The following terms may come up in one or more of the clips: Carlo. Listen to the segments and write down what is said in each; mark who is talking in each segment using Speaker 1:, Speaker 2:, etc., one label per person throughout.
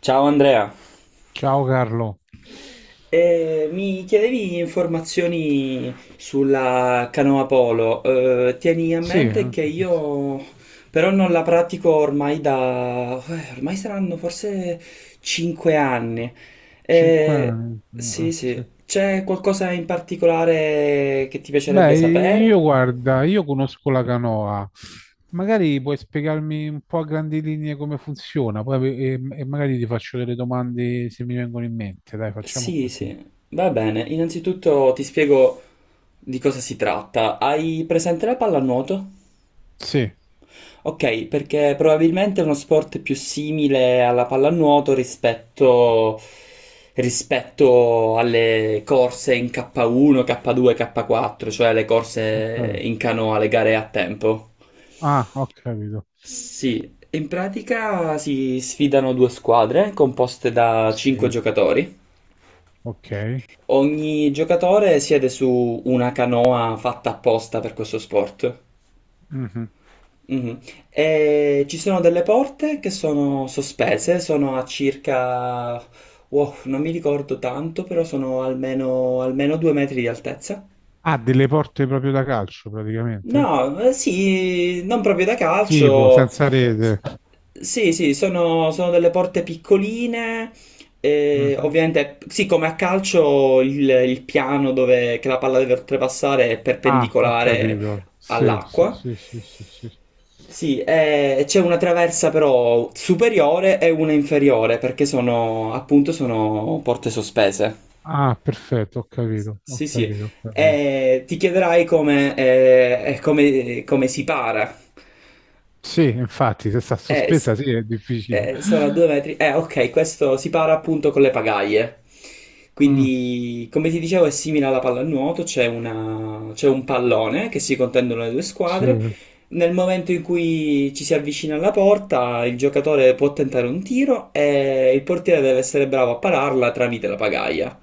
Speaker 1: Ciao Andrea.
Speaker 2: Ciao Carlo.
Speaker 1: Mi chiedevi informazioni sulla canoa polo. Tieni a
Speaker 2: Sì,
Speaker 1: mente che io però non la pratico ormai da... ormai saranno forse 5 anni.
Speaker 2: cinque
Speaker 1: Eh,
Speaker 2: anni.
Speaker 1: sì, sì.
Speaker 2: Sì.
Speaker 1: C'è qualcosa in particolare che ti piacerebbe
Speaker 2: Beh,
Speaker 1: sapere?
Speaker 2: io guarda, io conosco la canoa. Magari puoi spiegarmi un po' a grandi linee come funziona, poi e magari ti faccio delle domande se mi vengono in mente. Dai, facciamo
Speaker 1: Sì,
Speaker 2: così.
Speaker 1: sì. Va bene. Innanzitutto ti spiego di cosa si tratta. Hai presente la pallanuoto?
Speaker 2: Sì,
Speaker 1: Ok, perché probabilmente è uno sport più simile alla pallanuoto rispetto alle corse in K1, K2, K4, cioè le
Speaker 2: ho
Speaker 1: corse
Speaker 2: capito.
Speaker 1: in canoa, le gare a tempo.
Speaker 2: Ah, ho capito.
Speaker 1: Sì, in pratica si sfidano due squadre composte da
Speaker 2: Sì,
Speaker 1: 5 giocatori.
Speaker 2: ok.
Speaker 1: Ogni giocatore siede su una canoa fatta apposta per questo sport.
Speaker 2: Mhm.
Speaker 1: Mhm. E ci sono delle porte che sono sospese, sono a wow, non mi ricordo tanto, però sono almeno, almeno 2 metri di altezza.
Speaker 2: Ah, delle porte proprio da calcio, praticamente?
Speaker 1: No, sì, non proprio da
Speaker 2: Tipo,
Speaker 1: calcio.
Speaker 2: senza
Speaker 1: S-
Speaker 2: rete.
Speaker 1: Sì, sì, sono delle porte piccoline.
Speaker 2: Mhm.
Speaker 1: Ovviamente, sì, come a calcio il piano dove, che la palla deve oltrepassare è
Speaker 2: Ah, ho
Speaker 1: perpendicolare
Speaker 2: capito. Sì, sì,
Speaker 1: all'acqua.
Speaker 2: sì, sì, sì, sì.
Speaker 1: Sì, c'è una traversa però superiore e una inferiore perché sono appunto sono porte sospese.
Speaker 2: Ah, perfetto, ho capito, ho
Speaker 1: Sì, sì.
Speaker 2: capito, ho capito.
Speaker 1: E ti chiederai come si para.
Speaker 2: Sì, infatti, se sta
Speaker 1: Eh, s-
Speaker 2: sospesa, sì, è difficile.
Speaker 1: Sono a 2 metri. Ok, questo si para appunto con le pagaie.
Speaker 2: Mm,
Speaker 1: Quindi, come ti dicevo, è simile alla pallanuoto, c'è un pallone che si contendono le due
Speaker 2: sì.
Speaker 1: squadre. Nel momento in cui ci si avvicina alla porta, il giocatore può tentare un tiro e il portiere deve essere bravo a pararla tramite la pagaia.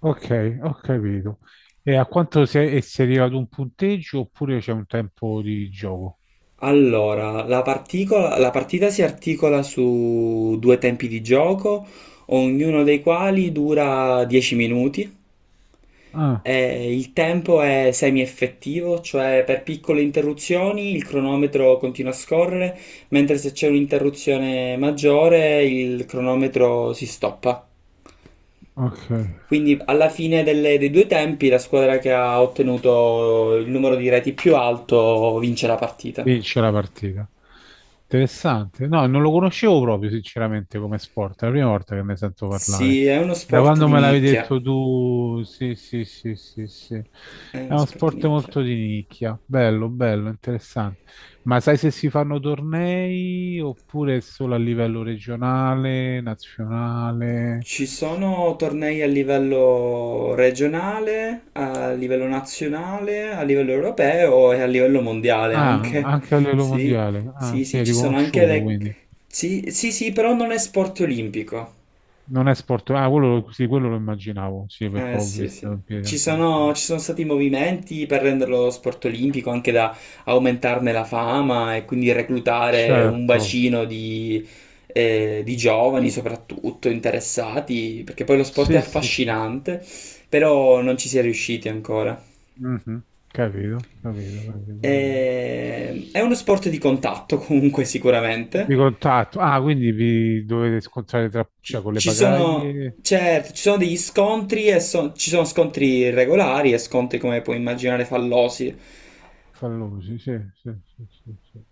Speaker 2: Ok, ho capito. E a quanto e si arriva ad un punteggio oppure c'è un tempo di gioco?
Speaker 1: Allora, la partita si articola su due tempi di gioco, ognuno dei quali dura 10 minuti.
Speaker 2: Ah,
Speaker 1: E il tempo è semi-effettivo, cioè per piccole interruzioni il cronometro continua a scorrere, mentre se c'è un'interruzione maggiore il cronometro si stoppa.
Speaker 2: ok.
Speaker 1: Quindi alla fine dei due tempi la squadra che ha ottenuto il numero di reti più alto vince la partita.
Speaker 2: Vince la partita. Interessante. No, non lo conoscevo proprio, sinceramente, come sport. È la prima volta che ne sento parlare.
Speaker 1: Sì, è uno
Speaker 2: Da
Speaker 1: sport
Speaker 2: quando
Speaker 1: di
Speaker 2: me l'avevi
Speaker 1: nicchia.
Speaker 2: detto tu, sì, sì, sì, sì, sì.
Speaker 1: È
Speaker 2: È
Speaker 1: uno
Speaker 2: uno
Speaker 1: sport
Speaker 2: sport
Speaker 1: nicchia.
Speaker 2: molto di nicchia. Bello, bello, interessante. Ma sai se si fanno tornei oppure solo a livello regionale, nazionale?
Speaker 1: Ci sono tornei a livello regionale, a livello nazionale, a livello europeo e a livello mondiale
Speaker 2: Ah,
Speaker 1: anche.
Speaker 2: anche a livello
Speaker 1: Sì,
Speaker 2: mondiale. Ah,
Speaker 1: sì,
Speaker 2: sì,
Speaker 1: sì,
Speaker 2: è
Speaker 1: ci sono anche
Speaker 2: riconosciuto,
Speaker 1: le...
Speaker 2: quindi.
Speaker 1: Sì, sì, sì, però non è sport olimpico.
Speaker 2: Non è sport. Ah, quello, sì, quello lo immaginavo, sì, perché
Speaker 1: Eh
Speaker 2: ho
Speaker 1: sì, sì.
Speaker 2: visto in piedi a tavola.
Speaker 1: Ci sono stati movimenti per renderlo sport olimpico, anche da aumentarne la fama e quindi reclutare un
Speaker 2: Certo.
Speaker 1: bacino di giovani soprattutto interessati, perché poi lo sport è
Speaker 2: Sì, sì, sì, sì.
Speaker 1: affascinante, però non ci si è riusciti ancora.
Speaker 2: Mhm. Capito, capito, capito, capito.
Speaker 1: È uno sport di contatto comunque
Speaker 2: Di
Speaker 1: sicuramente.
Speaker 2: contatto. Ah, quindi vi dovete scontrare tra, cioè, con le pagaglie
Speaker 1: Certo, ci sono degli scontri e ci sono scontri regolari e scontri come puoi immaginare fallosi.
Speaker 2: fallosi, sì, sì, sì, sì, sì.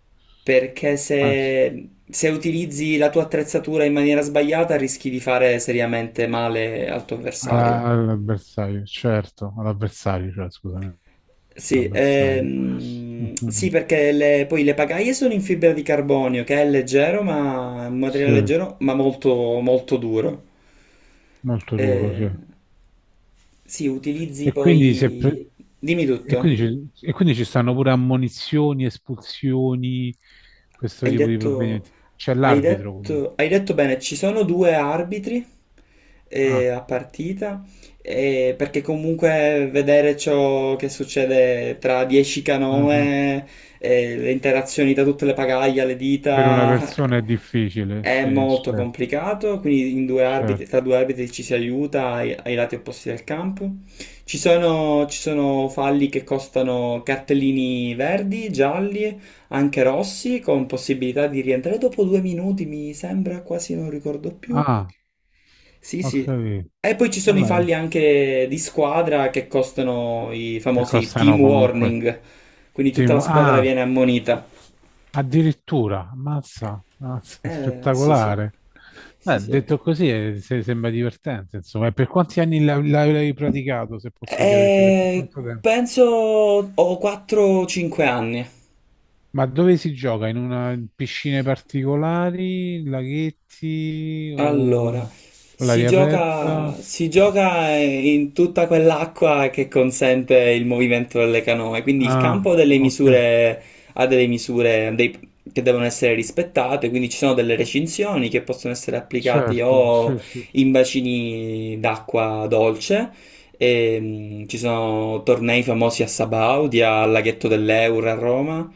Speaker 1: Perché
Speaker 2: Anzi,
Speaker 1: se utilizzi la tua attrezzatura in maniera sbagliata rischi di fare seriamente male al tuo avversario.
Speaker 2: all'avversario, certo, all'avversario, cioè, scusami,
Speaker 1: Sì,
Speaker 2: all'avversario.
Speaker 1: sì,
Speaker 2: Mhm.
Speaker 1: perché poi le pagaie sono in fibra di carbonio, che è leggero, ma è un materiale
Speaker 2: Sì,
Speaker 1: leggero, ma molto, molto duro.
Speaker 2: molto duro,
Speaker 1: Eh,
Speaker 2: sì.
Speaker 1: sì, utilizzi
Speaker 2: E quindi, se
Speaker 1: poi...
Speaker 2: pre-
Speaker 1: Dimmi
Speaker 2: e
Speaker 1: tutto.
Speaker 2: quindi ci e quindi ci stanno pure ammonizioni, espulsioni, questo
Speaker 1: Hai
Speaker 2: tipo di
Speaker 1: detto,
Speaker 2: provvedimenti. C'è l'arbitro comunque.
Speaker 1: hai detto bene, ci sono due arbitri
Speaker 2: Ah,
Speaker 1: a partita, perché comunque vedere ciò che succede tra 10
Speaker 2: mhm.
Speaker 1: canoe, le interazioni da tutte le pagaglie, alle
Speaker 2: Per una
Speaker 1: dita,
Speaker 2: persona è difficile,
Speaker 1: è
Speaker 2: sì,
Speaker 1: molto
Speaker 2: certo,
Speaker 1: complicato, quindi
Speaker 2: certo.
Speaker 1: tra due arbitri ci si aiuta ai lati opposti del campo. Ci sono falli che costano cartellini verdi, gialli anche Rossi con possibilità di rientrare dopo 2 minuti, mi sembra, quasi non ricordo più.
Speaker 2: Ah,
Speaker 1: Sì,
Speaker 2: ho
Speaker 1: sì.
Speaker 2: capito.
Speaker 1: E poi ci sono i
Speaker 2: Vabbè,
Speaker 1: falli anche di squadra che costano i
Speaker 2: che
Speaker 1: famosi
Speaker 2: costano
Speaker 1: team
Speaker 2: comunque.
Speaker 1: warning, quindi tutta la squadra
Speaker 2: Ah,
Speaker 1: viene ammonita.
Speaker 2: addirittura, ammazza, ammazza,
Speaker 1: Sì, sì.
Speaker 2: spettacolare.
Speaker 1: Sì,
Speaker 2: Beh,
Speaker 1: sì.
Speaker 2: detto così sembra divertente, insomma. E per quanti anni l'hai praticato, se posso chiederti, per
Speaker 1: Eh,
Speaker 2: quanto tempo?
Speaker 1: Penso ho 4-5 anni.
Speaker 2: Ma dove si gioca? In piscine particolari, laghetti o
Speaker 1: Allora,
Speaker 2: all'aria aperta?
Speaker 1: si gioca in tutta quell'acqua che consente il movimento delle canoe, quindi il
Speaker 2: Ah,
Speaker 1: campo ha delle
Speaker 2: ok,
Speaker 1: misure, ha delle che devono essere rispettate, quindi ci sono delle recinzioni che possono essere applicate
Speaker 2: certo,
Speaker 1: o
Speaker 2: sì, sì.
Speaker 1: in bacini d'acqua dolce, e, ci sono tornei famosi a Sabaudia, al laghetto dell'Eura a Roma,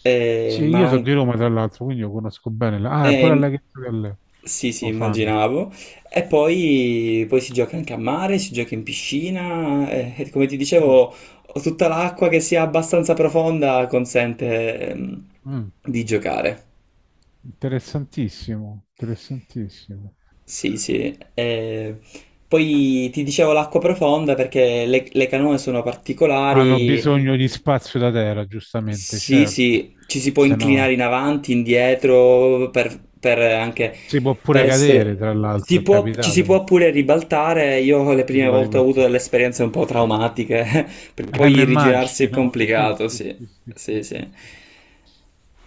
Speaker 1: e,
Speaker 2: Sì,
Speaker 1: ma
Speaker 2: io sono di
Speaker 1: anche
Speaker 2: Roma tra l'altro, quindi io conosco bene. Ah, è pure al
Speaker 1: eh,
Speaker 2: laghetto di Allegro,
Speaker 1: sì, sì,
Speaker 2: lo fanno.
Speaker 1: immaginavo. Poi si gioca anche a mare, si gioca in piscina. E, come ti
Speaker 2: Mm,
Speaker 1: dicevo, ho tutta l'acqua che sia abbastanza profonda consente,
Speaker 2: mm.
Speaker 1: di giocare.
Speaker 2: Interessantissimo, interessantissimo.
Speaker 1: Sì, sì. Poi ti dicevo l'acqua profonda perché le canoe sono
Speaker 2: Hanno
Speaker 1: particolari.
Speaker 2: bisogno di spazio da terra, giustamente,
Speaker 1: Sì,
Speaker 2: certo.
Speaker 1: sì, ci si può
Speaker 2: Se
Speaker 1: inclinare
Speaker 2: no
Speaker 1: in avanti, indietro, per anche
Speaker 2: si può
Speaker 1: per
Speaker 2: pure
Speaker 1: essere...
Speaker 2: cadere, tra
Speaker 1: Si
Speaker 2: l'altro, è
Speaker 1: può, ci si
Speaker 2: capitato.
Speaker 1: può pure ribaltare. Io le
Speaker 2: Ci si
Speaker 1: prime
Speaker 2: può
Speaker 1: volte ho avuto
Speaker 2: ribattere.
Speaker 1: delle esperienze un po' traumatiche, perché
Speaker 2: Mi
Speaker 1: poi rigirarsi è
Speaker 2: immagino, sì,
Speaker 1: complicato,
Speaker 2: sì,
Speaker 1: sì.
Speaker 2: sì, sì, sì,
Speaker 1: Sì, sì.
Speaker 2: sì, sì.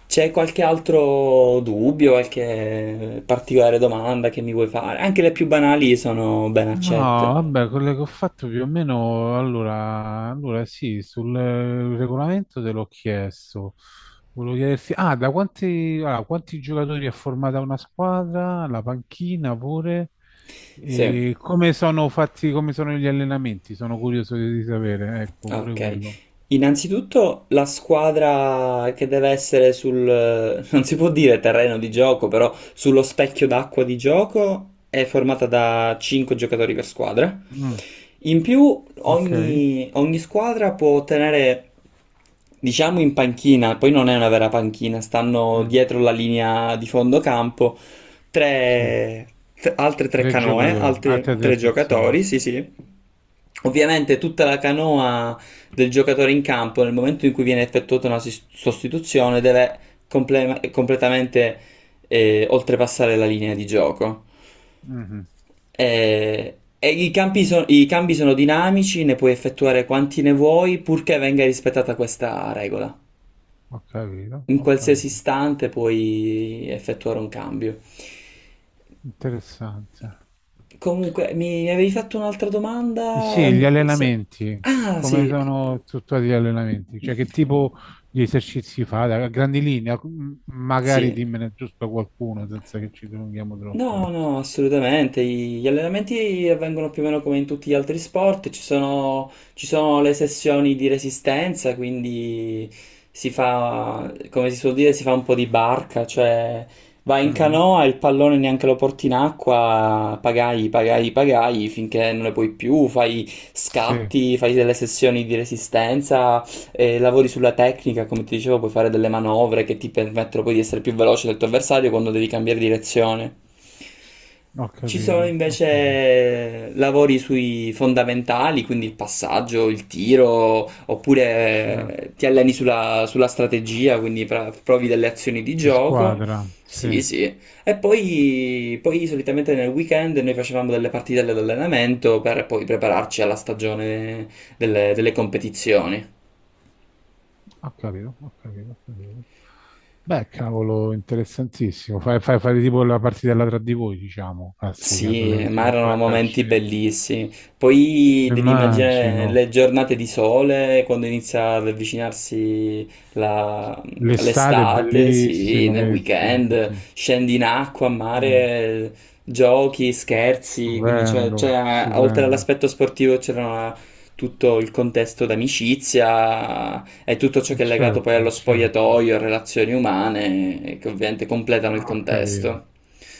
Speaker 1: C'è qualche altro dubbio, qualche particolare domanda che mi vuoi fare? Anche le più banali sono ben
Speaker 2: No,
Speaker 1: accette.
Speaker 2: vabbè, quello che ho fatto più o meno, allora sì, sul regolamento te l'ho chiesto. Volevo chiederti, ah, allora, quanti giocatori è formata una squadra, la panchina pure,
Speaker 1: Sì.
Speaker 2: e come sono fatti, come sono gli allenamenti? Sono curioso di sapere, ecco, pure
Speaker 1: Ok,
Speaker 2: quello.
Speaker 1: innanzitutto la squadra che deve essere sul, non si può dire terreno di gioco, però sullo specchio d'acqua di gioco è formata da 5 giocatori per squadra.
Speaker 2: Mm,
Speaker 1: In più
Speaker 2: ok,
Speaker 1: ogni squadra può tenere, diciamo in panchina, poi non è una vera panchina, stanno
Speaker 2: Mhm,
Speaker 1: dietro la linea di fondo campo,
Speaker 2: sì,
Speaker 1: tre, altre tre
Speaker 2: tre
Speaker 1: canoe,
Speaker 2: giocatori,
Speaker 1: altri
Speaker 2: altre tre
Speaker 1: tre
Speaker 2: persone.
Speaker 1: giocatori, sì sì. Ovviamente tutta la canoa del giocatore in campo nel momento in cui viene effettuata una sostituzione deve completamente oltrepassare la linea di gioco.
Speaker 2: Mhm.
Speaker 1: E i cambi sono dinamici, ne puoi effettuare quanti ne vuoi, purché venga rispettata questa regola.
Speaker 2: Ho capito,
Speaker 1: In
Speaker 2: ho
Speaker 1: qualsiasi
Speaker 2: capito.
Speaker 1: istante puoi effettuare un cambio.
Speaker 2: Interessante.
Speaker 1: Comunque, mi avevi fatto un'altra
Speaker 2: Eh
Speaker 1: domanda?
Speaker 2: sì, gli allenamenti,
Speaker 1: Ah,
Speaker 2: come
Speaker 1: sì,
Speaker 2: sono strutturati gli allenamenti? Cioè che tipo di esercizi fa? A grandi linee, magari
Speaker 1: sì.
Speaker 2: dimmene giusto qualcuno senza che ci dilunghiamo troppo.
Speaker 1: No, no, assolutamente. Gli allenamenti avvengono più o meno come in tutti gli altri sport. Ci sono le sessioni di resistenza, quindi si fa, come si suol dire, si fa un po' di barca, cioè vai in
Speaker 2: Mhm.
Speaker 1: canoa, il pallone neanche lo porti in acqua, pagai, pagai, pagai finché non ne puoi più, fai
Speaker 2: Sì,
Speaker 1: scatti, fai delle sessioni di resistenza lavori sulla tecnica, come ti dicevo, puoi fare delle manovre che ti permettono poi di essere più veloce del tuo avversario quando devi cambiare direzione.
Speaker 2: ho
Speaker 1: Ci sono
Speaker 2: capito, ho capito.
Speaker 1: invece lavori sui fondamentali, quindi il passaggio, il tiro,
Speaker 2: Certo.
Speaker 1: oppure ti alleni sulla strategia, quindi provi delle azioni di
Speaker 2: Di
Speaker 1: gioco.
Speaker 2: squadra, sì.
Speaker 1: Sì,
Speaker 2: Ho
Speaker 1: sì. Poi solitamente nel weekend noi facevamo delle partite all'allenamento per poi prepararci alla stagione delle competizioni.
Speaker 2: capito, ho capito, ho capito. Beh, cavolo, interessantissimo. Fai, fai, fai tipo la partitella tra di voi, diciamo, classica,
Speaker 1: Sì,
Speaker 2: quella che si
Speaker 1: ma
Speaker 2: fa
Speaker 1: erano
Speaker 2: pure a
Speaker 1: momenti
Speaker 2: calcetto.
Speaker 1: bellissimi. Poi devi immaginare
Speaker 2: Immagino,
Speaker 1: le giornate di sole quando inizia ad avvicinarsi la-
Speaker 2: l'estate è
Speaker 1: l'estate, sì,
Speaker 2: bellissimo,
Speaker 1: nel
Speaker 2: che, sì, sì,
Speaker 1: weekend,
Speaker 2: sì.
Speaker 1: scendi in acqua, a
Speaker 2: Mm,
Speaker 1: mare, giochi, scherzi, quindi
Speaker 2: stupendo,
Speaker 1: oltre
Speaker 2: stupendo.
Speaker 1: all'aspetto sportivo c'era tutto il contesto d'amicizia e tutto ciò
Speaker 2: E
Speaker 1: che è legato poi
Speaker 2: certo,
Speaker 1: allo
Speaker 2: certo,
Speaker 1: spogliatoio, a relazioni umane, che ovviamente completano il
Speaker 2: ho capito,
Speaker 1: contesto.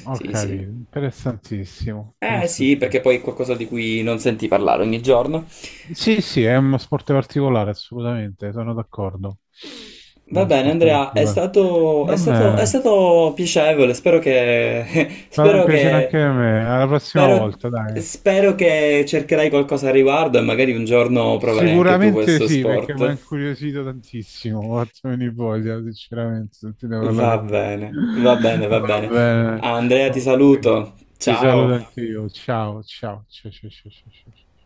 Speaker 2: ho
Speaker 1: Sì, sì.
Speaker 2: capito, interessantissimo,
Speaker 1: Eh sì, perché
Speaker 2: interessantissimo.
Speaker 1: poi è qualcosa di cui non senti parlare ogni giorno.
Speaker 2: Sì, sì, è uno sport particolare, assolutamente, sono d'accordo. È
Speaker 1: Va
Speaker 2: uno
Speaker 1: bene,
Speaker 2: sport
Speaker 1: Andrea,
Speaker 2: particolare. Va
Speaker 1: è
Speaker 2: bene,
Speaker 1: stato piacevole. Spero che,
Speaker 2: vado un
Speaker 1: spero
Speaker 2: piacere
Speaker 1: che,
Speaker 2: anche a me, alla prossima
Speaker 1: spero,
Speaker 2: volta, dai.
Speaker 1: spero che cercherai qualcosa a riguardo e magari un giorno proverai anche tu
Speaker 2: Sicuramente
Speaker 1: questo
Speaker 2: sì, perché mi ha
Speaker 1: sport.
Speaker 2: incuriosito tantissimo, mi ha fatto venire voglia, sinceramente, sentite
Speaker 1: Va
Speaker 2: parlare qui.
Speaker 1: bene, va
Speaker 2: Va
Speaker 1: bene.
Speaker 2: bene,
Speaker 1: Andrea, ti
Speaker 2: ok.
Speaker 1: saluto.
Speaker 2: Ti
Speaker 1: Ciao.
Speaker 2: saluto anche io. Ciao, ciao, ciao, ciao, ciao, ciao. Ciao.